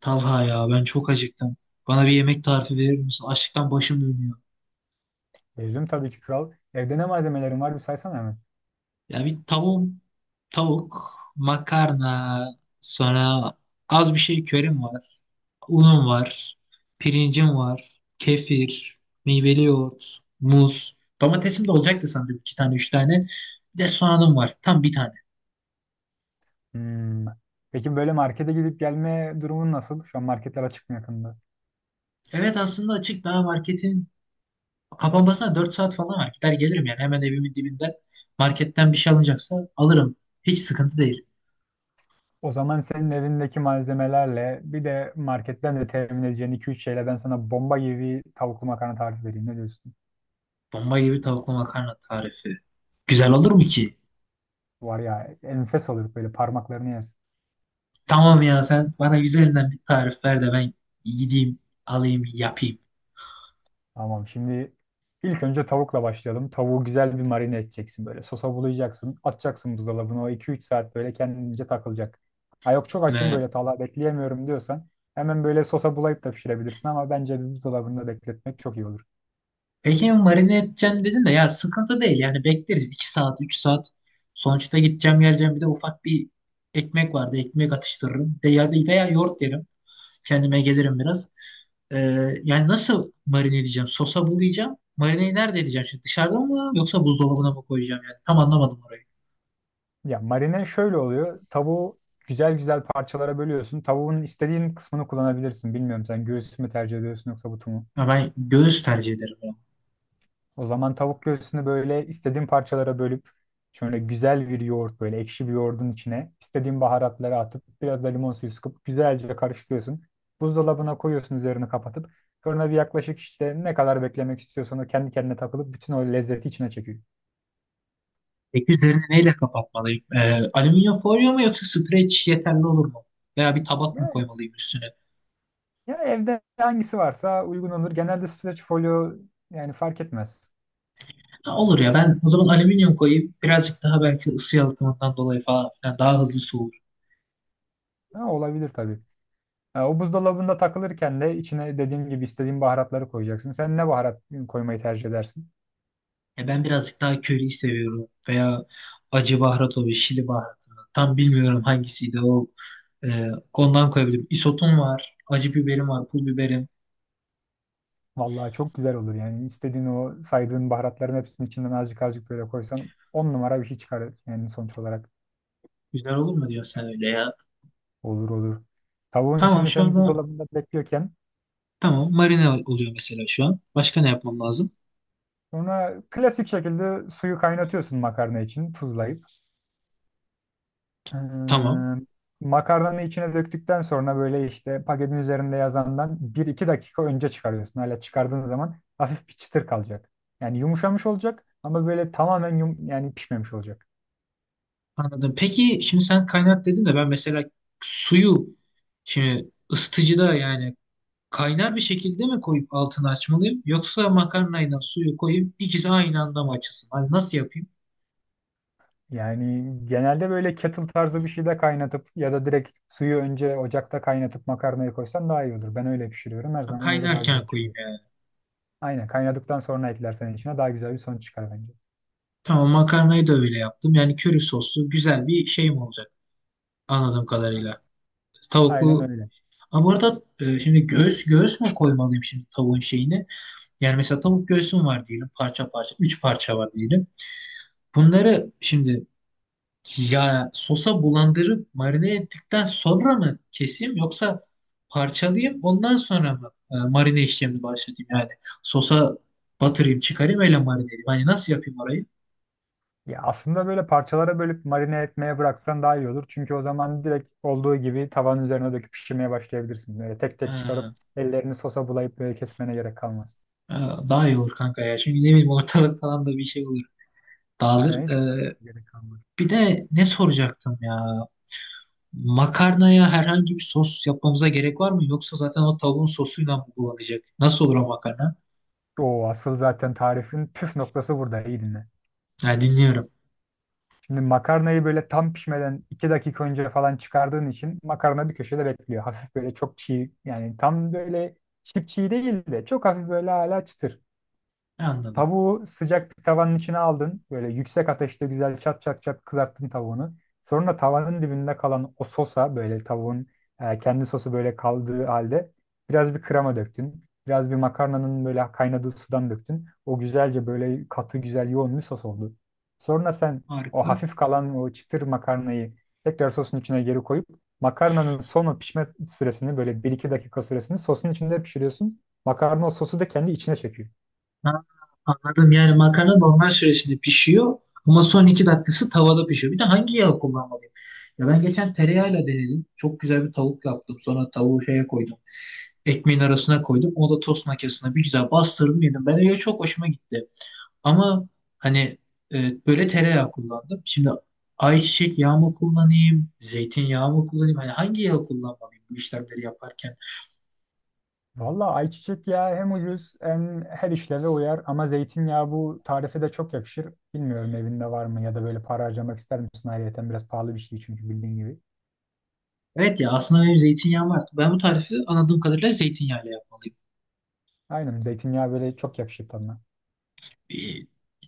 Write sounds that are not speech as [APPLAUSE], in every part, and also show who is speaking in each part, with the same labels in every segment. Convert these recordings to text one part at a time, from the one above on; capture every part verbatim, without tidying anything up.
Speaker 1: Talha ya ben çok acıktım. Bana bir yemek tarifi verir misin? Açlıktan başım dönüyor.
Speaker 2: Gezdim tabii ki kral. Evde ne malzemelerin var bir saysana hemen.
Speaker 1: Ya bir tavuk, tavuk, makarna, sonra az bir şey körim var. Unum var, pirincim var, kefir, meyveli yoğurt, muz. Domatesim de olacaktı sandım iki tane üç tane. Bir de soğanım var tam bir tane.
Speaker 2: Hmm. Peki böyle markete gidip gelme durumun nasıl? Şu an marketler açık mı yakında?
Speaker 1: Evet aslında açık, daha marketin kapanmasına dört saat falan var. Gider gelirim yani, hemen evimin dibinden marketten bir şey alınacaksa alırım. Hiç sıkıntı değil.
Speaker 2: O zaman senin evindeki malzemelerle bir de marketten de temin edeceğin iki üç şeyle ben sana bomba gibi bir tavuklu makarna tarifi vereyim. Ne diyorsun?
Speaker 1: Bomba gibi tavuklu makarna tarifi. Güzel olur mu ki?
Speaker 2: Var ya enfes olur böyle parmaklarını yersin.
Speaker 1: Tamam ya, sen bana güzelinden bir tarif ver de ben gideyim alayım yapayım.
Speaker 2: Tamam, şimdi ilk önce tavukla başlayalım. Tavuğu güzel bir marine edeceksin böyle. Sosa bulayacaksın. Atacaksın buzdolabına. O iki üç saat böyle kendince takılacak. Ha yok, çok açım
Speaker 1: Ne?
Speaker 2: böyle tala bekleyemiyorum diyorsan hemen böyle sosa bulayıp da pişirebilirsin ama bence bir buzdolabında bekletmek çok iyi olur.
Speaker 1: Peki marine edeceğim dedin de, ya sıkıntı değil yani, bekleriz iki saat üç saat. Sonuçta gideceğim geleceğim, bir de ufak bir ekmek vardı, ekmek atıştırırım. De ya, veya yoğurt yerim. Kendime gelirim biraz. Ee, yani nasıl marine edeceğim? Sosa bulayacağım. Marineyi nerede edeceğim şimdi? Dışarıda mı yoksa buzdolabına mı koyacağım yani? Tam anlamadım orayı.
Speaker 2: Ya marine şöyle oluyor. Tavuğu güzel güzel parçalara bölüyorsun. Tavuğun istediğin kısmını kullanabilirsin. Bilmiyorum, sen göğsü mü tercih ediyorsun yoksa butu mu?
Speaker 1: Ya ben göğüs tercih ederim. Ya.
Speaker 2: O zaman tavuk göğsünü böyle istediğin parçalara bölüp şöyle güzel bir yoğurt, böyle ekşi bir yoğurdun içine istediğin baharatları atıp biraz da limon suyu sıkıp güzelce karıştırıyorsun. Buzdolabına koyuyorsun üzerini kapatıp, sonra bir yaklaşık işte ne kadar beklemek istiyorsan o kendi kendine takılıp bütün o lezzeti içine çekiyor.
Speaker 1: Peki üzerini neyle kapatmalıyım? Ee, alüminyum folyo mu yoksa streç yeterli olur mu? Veya bir tabak mı
Speaker 2: Ya,
Speaker 1: koymalıyım üstüne?
Speaker 2: ya evde hangisi varsa uygun olur. Genelde streç folyo, yani fark etmez.
Speaker 1: Ha, olur ya, ben o zaman alüminyum koyayım. Birazcık daha, belki ısı yalıtımından dolayı falan filan, daha hızlı soğur.
Speaker 2: Ha, olabilir tabii. Ha, o buzdolabında takılırken de içine dediğim gibi istediğin baharatları koyacaksın. Sen ne baharat koymayı tercih edersin?
Speaker 1: Ya ben birazcık daha köriyi seviyorum. Veya acı baharat oluyor, şili baharatı. Tam bilmiyorum hangisiydi o. Ee, ondan koyabilirim. Isotum var, acı biberim var, pul biberim.
Speaker 2: Vallahi çok güzel olur yani. İstediğin o saydığın baharatların hepsinin içinden azıcık azıcık böyle koysan on numara bir şey çıkar yani sonuç olarak.
Speaker 1: Güzel olur mu diyorsun sen öyle ya?
Speaker 2: Olur olur. Tavuğun
Speaker 1: Tamam
Speaker 2: şimdi
Speaker 1: şu
Speaker 2: sen
Speaker 1: anda,
Speaker 2: buzdolabında bekliyorken
Speaker 1: tamam marine oluyor mesela şu an. Başka ne yapmam lazım?
Speaker 2: sonra klasik şekilde suyu kaynatıyorsun makarna için tuzlayıp. Ee,
Speaker 1: Tamam.
Speaker 2: Makarnanı içine döktükten sonra böyle işte paketin üzerinde yazandan bir iki dakika önce çıkarıyorsun. Hala çıkardığın zaman hafif bir çıtır kalacak. Yani yumuşamış olacak ama böyle tamamen yum, yani pişmemiş olacak.
Speaker 1: Anladım. Peki şimdi sen kaynat dedin de, ben mesela suyu şimdi ısıtıcıda, yani kaynar bir şekilde mi koyup altını açmalıyım, yoksa makarnayla suyu koyup ikisi aynı anda mı açılsın? Hani nasıl yapayım?
Speaker 2: Yani genelde böyle kettle tarzı bir şeyde kaynatıp ya da direkt suyu önce ocakta kaynatıp makarnayı koysan daha iyi olur. Ben öyle pişiriyorum. Her
Speaker 1: Ha,
Speaker 2: zaman öyle daha
Speaker 1: kaynarken
Speaker 2: güzel
Speaker 1: koyayım
Speaker 2: çıkıyor.
Speaker 1: yani.
Speaker 2: Aynen, kaynadıktan sonra eklersen içine daha güzel bir sonuç çıkar bence.
Speaker 1: Tamam, makarnayı da öyle yaptım. Yani köri soslu güzel bir şey mi olacak, anladığım kadarıyla.
Speaker 2: Aynen
Speaker 1: Tavuklu.
Speaker 2: öyle.
Speaker 1: Ha, bu arada e, şimdi göğüs göğüs mü koymalıyım şimdi tavuğun şeyini? Yani mesela tavuk göğsüm var diyelim parça parça. Üç parça var diyelim. Bunları şimdi, ya sosa bulandırıp marine ettikten sonra mı keseyim, yoksa parçalayayım ondan sonra mı e, marine işlemini başlatayım, yani sosa batırayım çıkarayım öyle marine edeyim. Hani nasıl yapayım orayı?
Speaker 2: Ya aslında böyle parçalara bölüp marine etmeye bıraksan daha iyi olur. Çünkü o zaman direkt olduğu gibi tavanın üzerine döküp pişirmeye başlayabilirsin. Böyle tek tek çıkarıp
Speaker 1: Ha,
Speaker 2: ellerini sosa bulayıp böyle kesmene gerek kalmaz.
Speaker 1: ha, daha iyi olur kanka ya. Şimdi ne bileyim, ortalık falan da bir şey olur.
Speaker 2: Aynen,
Speaker 1: Dağılır.
Speaker 2: hiç uğraşmana
Speaker 1: E,
Speaker 2: gerek kalmaz.
Speaker 1: bir de ne soracaktım ya? Makarnaya herhangi bir sos yapmamıza gerek var mı? Yoksa zaten o tavuğun sosuyla mı kullanacak? Nasıl olur o makarna?
Speaker 2: O asıl zaten tarifin püf noktası burada. İyi dinle.
Speaker 1: Ha, dinliyorum.
Speaker 2: Şimdi makarnayı böyle tam pişmeden iki dakika önce falan çıkardığın için makarna bir köşede bekliyor. Hafif böyle çok çiğ, yani tam böyle çiğ çiğ değil de çok hafif böyle hala çıtır.
Speaker 1: Anladım.
Speaker 2: Tavuğu sıcak bir tavanın içine aldın. Böyle yüksek ateşte güzel çat çat çat kızarttın tavuğunu. Sonra tavanın dibinde kalan o sosa böyle tavuğun e, kendi sosu böyle kaldığı halde biraz bir krema döktün. Biraz bir makarnanın böyle kaynadığı sudan döktün. O güzelce böyle katı güzel yoğun bir sos oldu. Sonra sen o
Speaker 1: Harika.
Speaker 2: hafif kalan o çıtır makarnayı tekrar sosun içine geri koyup makarnanın son o pişme süresini böyle bir iki dakika süresini sosun içinde pişiriyorsun. Makarna o sosu da kendi içine çekiyor.
Speaker 1: Ha, anladım. Yani makarna normal süresinde pişiyor ama son iki dakikası tavada pişiyor. Bir de hangi yağı kullanmalıyım? Ya ben geçen tereyağıyla denedim. Çok güzel bir tavuk yaptım. Sonra tavuğu şeye koydum. Ekmeğin arasına koydum. O da tost makinesine, bir güzel bastırdım yedim. Ben öyle çok hoşuma gitti. Ama hani e, böyle tereyağı kullandım. Şimdi ayçiçek yağı mı kullanayım? Zeytinyağı mı kullanayım? Hani hangi yağı kullanmalıyım bu işlemleri yaparken?
Speaker 2: Valla ayçiçek yağı hem ucuz hem her işleve uyar ama zeytinyağı bu tarife de çok yakışır. Bilmiyorum evinde var mı ya da böyle para harcamak ister misin? Ayrıca biraz pahalı bir şey çünkü bildiğin gibi.
Speaker 1: Evet ya, aslında benim zeytinyağım var. Ben bu tarifi, anladığım kadarıyla, zeytinyağıyla yapmalıyım.
Speaker 2: Aynen, zeytinyağı böyle çok yakışır tadına.
Speaker 1: E,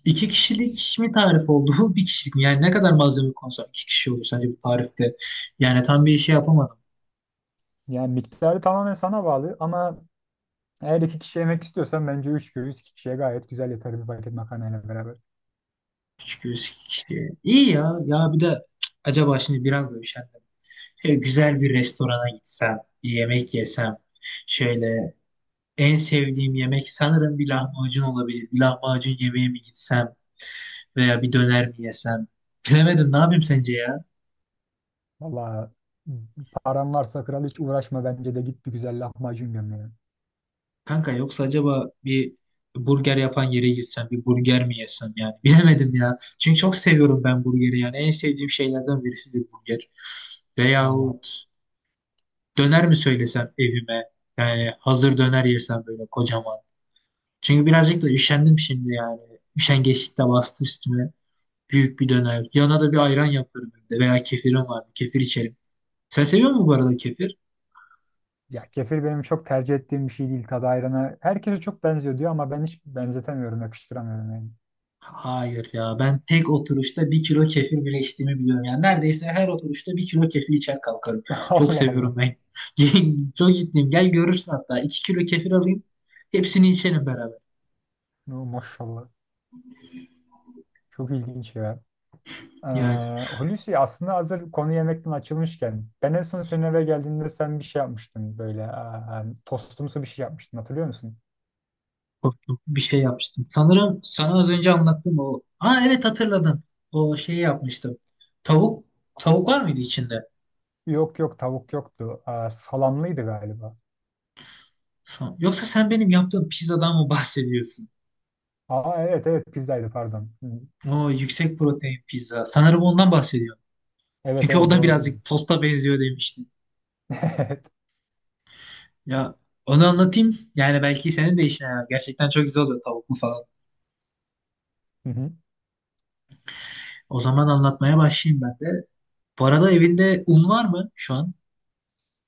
Speaker 1: İki kişilik mi tarif oldu [LAUGHS] bu? Bir kişilik mi? Yani ne kadar malzeme konsam iki kişi olur sence bu tarifte? Yani tam bir şey yapamadım.
Speaker 2: Yani miktarı tamamen sana bağlı ama eğer iki kişi yemek istiyorsan bence üç göğüs iki kişiye gayet güzel yeter bir paket makarnayla beraber.
Speaker 1: Çünkü kişi. İki kişi. Ya. Ya bir de acaba, şimdi biraz da üşendim. Şöyle güzel bir restorana gitsem, bir yemek yesem. Şöyle en sevdiğim yemek sanırım bir lahmacun olabilir. Bir lahmacun yemeğe mi gitsem, veya bir döner mi yesem? Bilemedim, ne yapayım sence ya?
Speaker 2: Valla, paran varsa kral hiç uğraşma, bence de git bir güzel lahmacun göm
Speaker 1: Kanka, yoksa acaba bir burger yapan yere gitsem, bir burger mi yesem yani [LAUGHS] bilemedim ya. Çünkü çok seviyorum ben burgeri, yani en sevdiğim şeylerden birisidir burger.
Speaker 2: ya.
Speaker 1: Veyahut döner mi söylesem evime, yani hazır döner yesem böyle kocaman. Çünkü birazcık da üşendim şimdi yani. Üşengeçlik de bastı üstüme. Büyük bir döner. Yanına da bir ayran yaparım evde, veya kefirim var. Kefir içerim. Sen seviyor musun bu arada kefir?
Speaker 2: Ya kefir benim çok tercih ettiğim bir şey değil. Tadı ayrana herkese çok benziyor diyor ama ben hiç benzetemiyorum, yakıştıramıyorum yani.
Speaker 1: Hayır ya, ben tek oturuşta bir kilo kefir bile içtiğimi biliyorum. Yani neredeyse her oturuşta bir kilo kefir içer kalkarım.
Speaker 2: [LAUGHS]
Speaker 1: Çok
Speaker 2: Allah Allah.
Speaker 1: seviyorum ben. [LAUGHS] Çok ciddiyim. Gel görürsün hatta. iki kilo kefir alayım. Hepsini içelim beraber.
Speaker 2: No, maşallah. Çok ilginç ya.
Speaker 1: Yani
Speaker 2: Ee, Hulusi, aslında hazır konu yemekten açılmışken ben en son senin eve geldiğinde sen bir şey yapmıştın böyle, aa, tostumsu bir şey yapmıştın, hatırlıyor musun?
Speaker 1: korktum. Bir şey yapmıştım. Sanırım sana az önce anlattım o. Aa, evet, hatırladım. O şeyi yapmıştım. Tavuk. Tavuk var mıydı içinde?
Speaker 2: Yok yok, tavuk yoktu. Aa, salamlıydı galiba.
Speaker 1: Ha, yoksa sen benim yaptığım pizzadan mı bahsediyorsun?
Speaker 2: Aa, evet evet, pizzaydı, pardon. Hı.
Speaker 1: O yüksek protein pizza. Sanırım ondan bahsediyorum.
Speaker 2: Evet
Speaker 1: Çünkü o
Speaker 2: evet,
Speaker 1: da
Speaker 2: doğru oldu.
Speaker 1: birazcık tosta benziyor demiştin.
Speaker 2: [LAUGHS] Evet.
Speaker 1: Ya, onu anlatayım. Yani belki senin de işine yarar. Gerçekten çok güzel oluyor tavuklu falan.
Speaker 2: Hı hı.
Speaker 1: O zaman anlatmaya başlayayım ben de. Bu arada evinde un var mı şu an?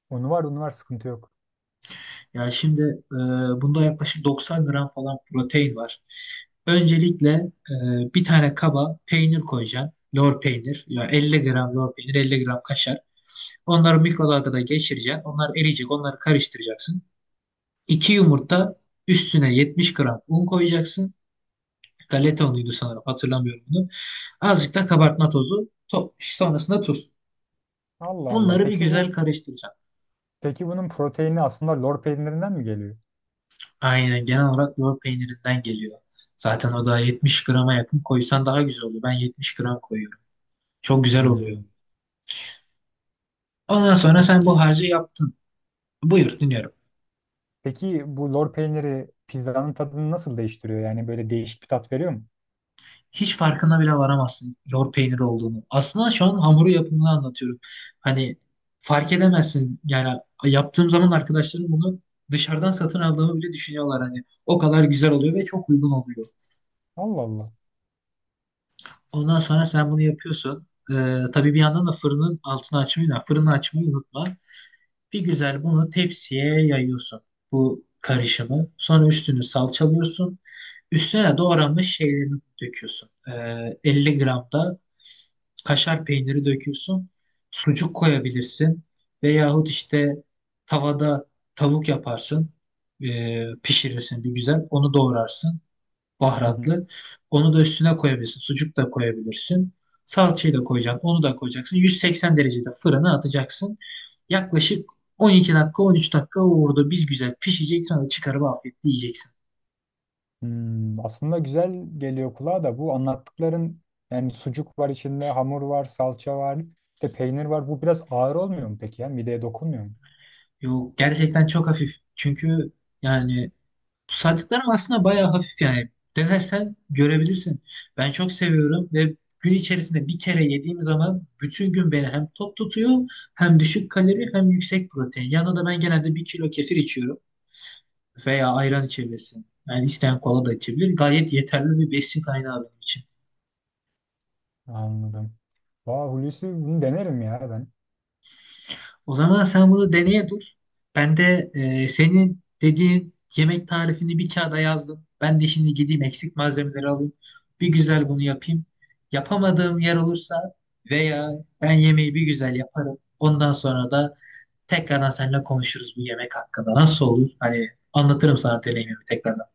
Speaker 2: Unu var, unu var, sıkıntı yok.
Speaker 1: Ya şimdi, e, bunda yaklaşık doksan gram falan protein var. Öncelikle e, bir tane kaba peynir koyacaksın. Lor peynir. Ya elli gram lor peynir, elli gram kaşar. Onları mikrodalgada geçireceksin. Onlar eriyecek. Onları karıştıracaksın. iki yumurta üstüne yetmiş gram un koyacaksın. Galetonluydu sanırım, hatırlamıyorum bunu. Azıcık da kabartma tozu. To sonrasında tuz.
Speaker 2: Allah Allah.
Speaker 1: Bunları bir
Speaker 2: Peki bu
Speaker 1: güzel karıştıracağım.
Speaker 2: Peki bunun proteini aslında lor peynirinden mi geliyor?
Speaker 1: Aynen, genel olarak lor peynirinden geliyor. Zaten o da yetmiş grama yakın koysan daha güzel oluyor. Ben yetmiş gram koyuyorum. Çok güzel oluyor.
Speaker 2: Hmm.
Speaker 1: Ondan sonra sen bu
Speaker 2: Peki
Speaker 1: harcı yaptın. Buyur, dinliyorum.
Speaker 2: peki bu lor peyniri pizzanın tadını nasıl değiştiriyor? Yani böyle değişik bir tat veriyor mu?
Speaker 1: Hiç farkına bile varamazsın lor peynir olduğunu. Aslında şu an hamuru yapımını anlatıyorum. Hani, fark edemezsin. Yani yaptığım zaman arkadaşlarım bunu dışarıdan satın aldığımı bile düşünüyorlar hani. O kadar güzel oluyor ve çok uygun oluyor.
Speaker 2: Allah Allah.
Speaker 1: Ondan sonra sen bunu yapıyorsun. Ee, tabii bir yandan da fırının altını açmayı, yani fırını açmayı unutma. Bir güzel bunu tepsiye yayıyorsun, bu karışımı. Sonra üstünü salçalıyorsun. Üstüne de doğranmış şeylerini döküyorsun. Ee, elli gram da kaşar peyniri döküyorsun. Sucuk koyabilirsin. Veyahut işte tavada tavuk yaparsın. Ee, pişirirsin bir güzel. Onu doğrarsın.
Speaker 2: Hı hı.
Speaker 1: Baharatlı. Onu da üstüne koyabilirsin. Sucuk da koyabilirsin. Salçayı da koyacaksın. Onu da koyacaksın. yüz seksen derecede fırına atacaksın. Yaklaşık on iki dakika on üç dakika orada bir güzel pişecek. Sonra çıkarıp afiyetle yiyeceksin.
Speaker 2: Hmm, aslında güzel geliyor kulağa da bu anlattıkların, yani sucuk var içinde, hamur var, salça var, bir de peynir var. Bu biraz ağır olmuyor mu peki ya? Mideye dokunmuyor mu?
Speaker 1: Yok, gerçekten çok hafif. Çünkü yani, saydıklarım aslında bayağı hafif yani. Denersen görebilirsin. Ben çok seviyorum ve gün içerisinde bir kere yediğim zaman bütün gün beni hem tok tutuyor, hem düşük kalori, hem yüksek protein. Yanına da ben genelde bir kilo kefir içiyorum, veya ayran içebilirsin. Yani isteyen kola da içebilir. Gayet yeterli bir besin kaynağı benim için.
Speaker 2: Anladım. Vah Hulusi, bunu denerim ya ben.
Speaker 1: O zaman sen bunu deneye dur. Ben de, e, senin dediğin yemek tarifini bir kağıda yazdım. Ben de şimdi gideyim eksik malzemeleri alayım. Bir güzel bunu yapayım. Yapamadığım yer olursa, veya ben yemeği bir güzel yaparım. Ondan sonra da tekrardan seninle konuşuruz bu yemek hakkında. Nasıl olur? Hani anlatırım sana deneyimimi tekrardan.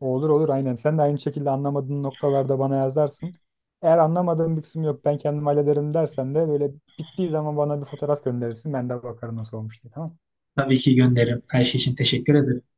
Speaker 2: Olur olur, aynen. Sen de aynı şekilde anlamadığın noktalarda bana yazarsın. Eğer anlamadığım bir kısım yok, ben kendim hallederim dersen de böyle bittiği zaman bana bir fotoğraf gönderirsin. Ben de bakarım nasıl olmuş diye. Tamam.
Speaker 1: Tabii ki gönderirim. Her şey için teşekkür ederim.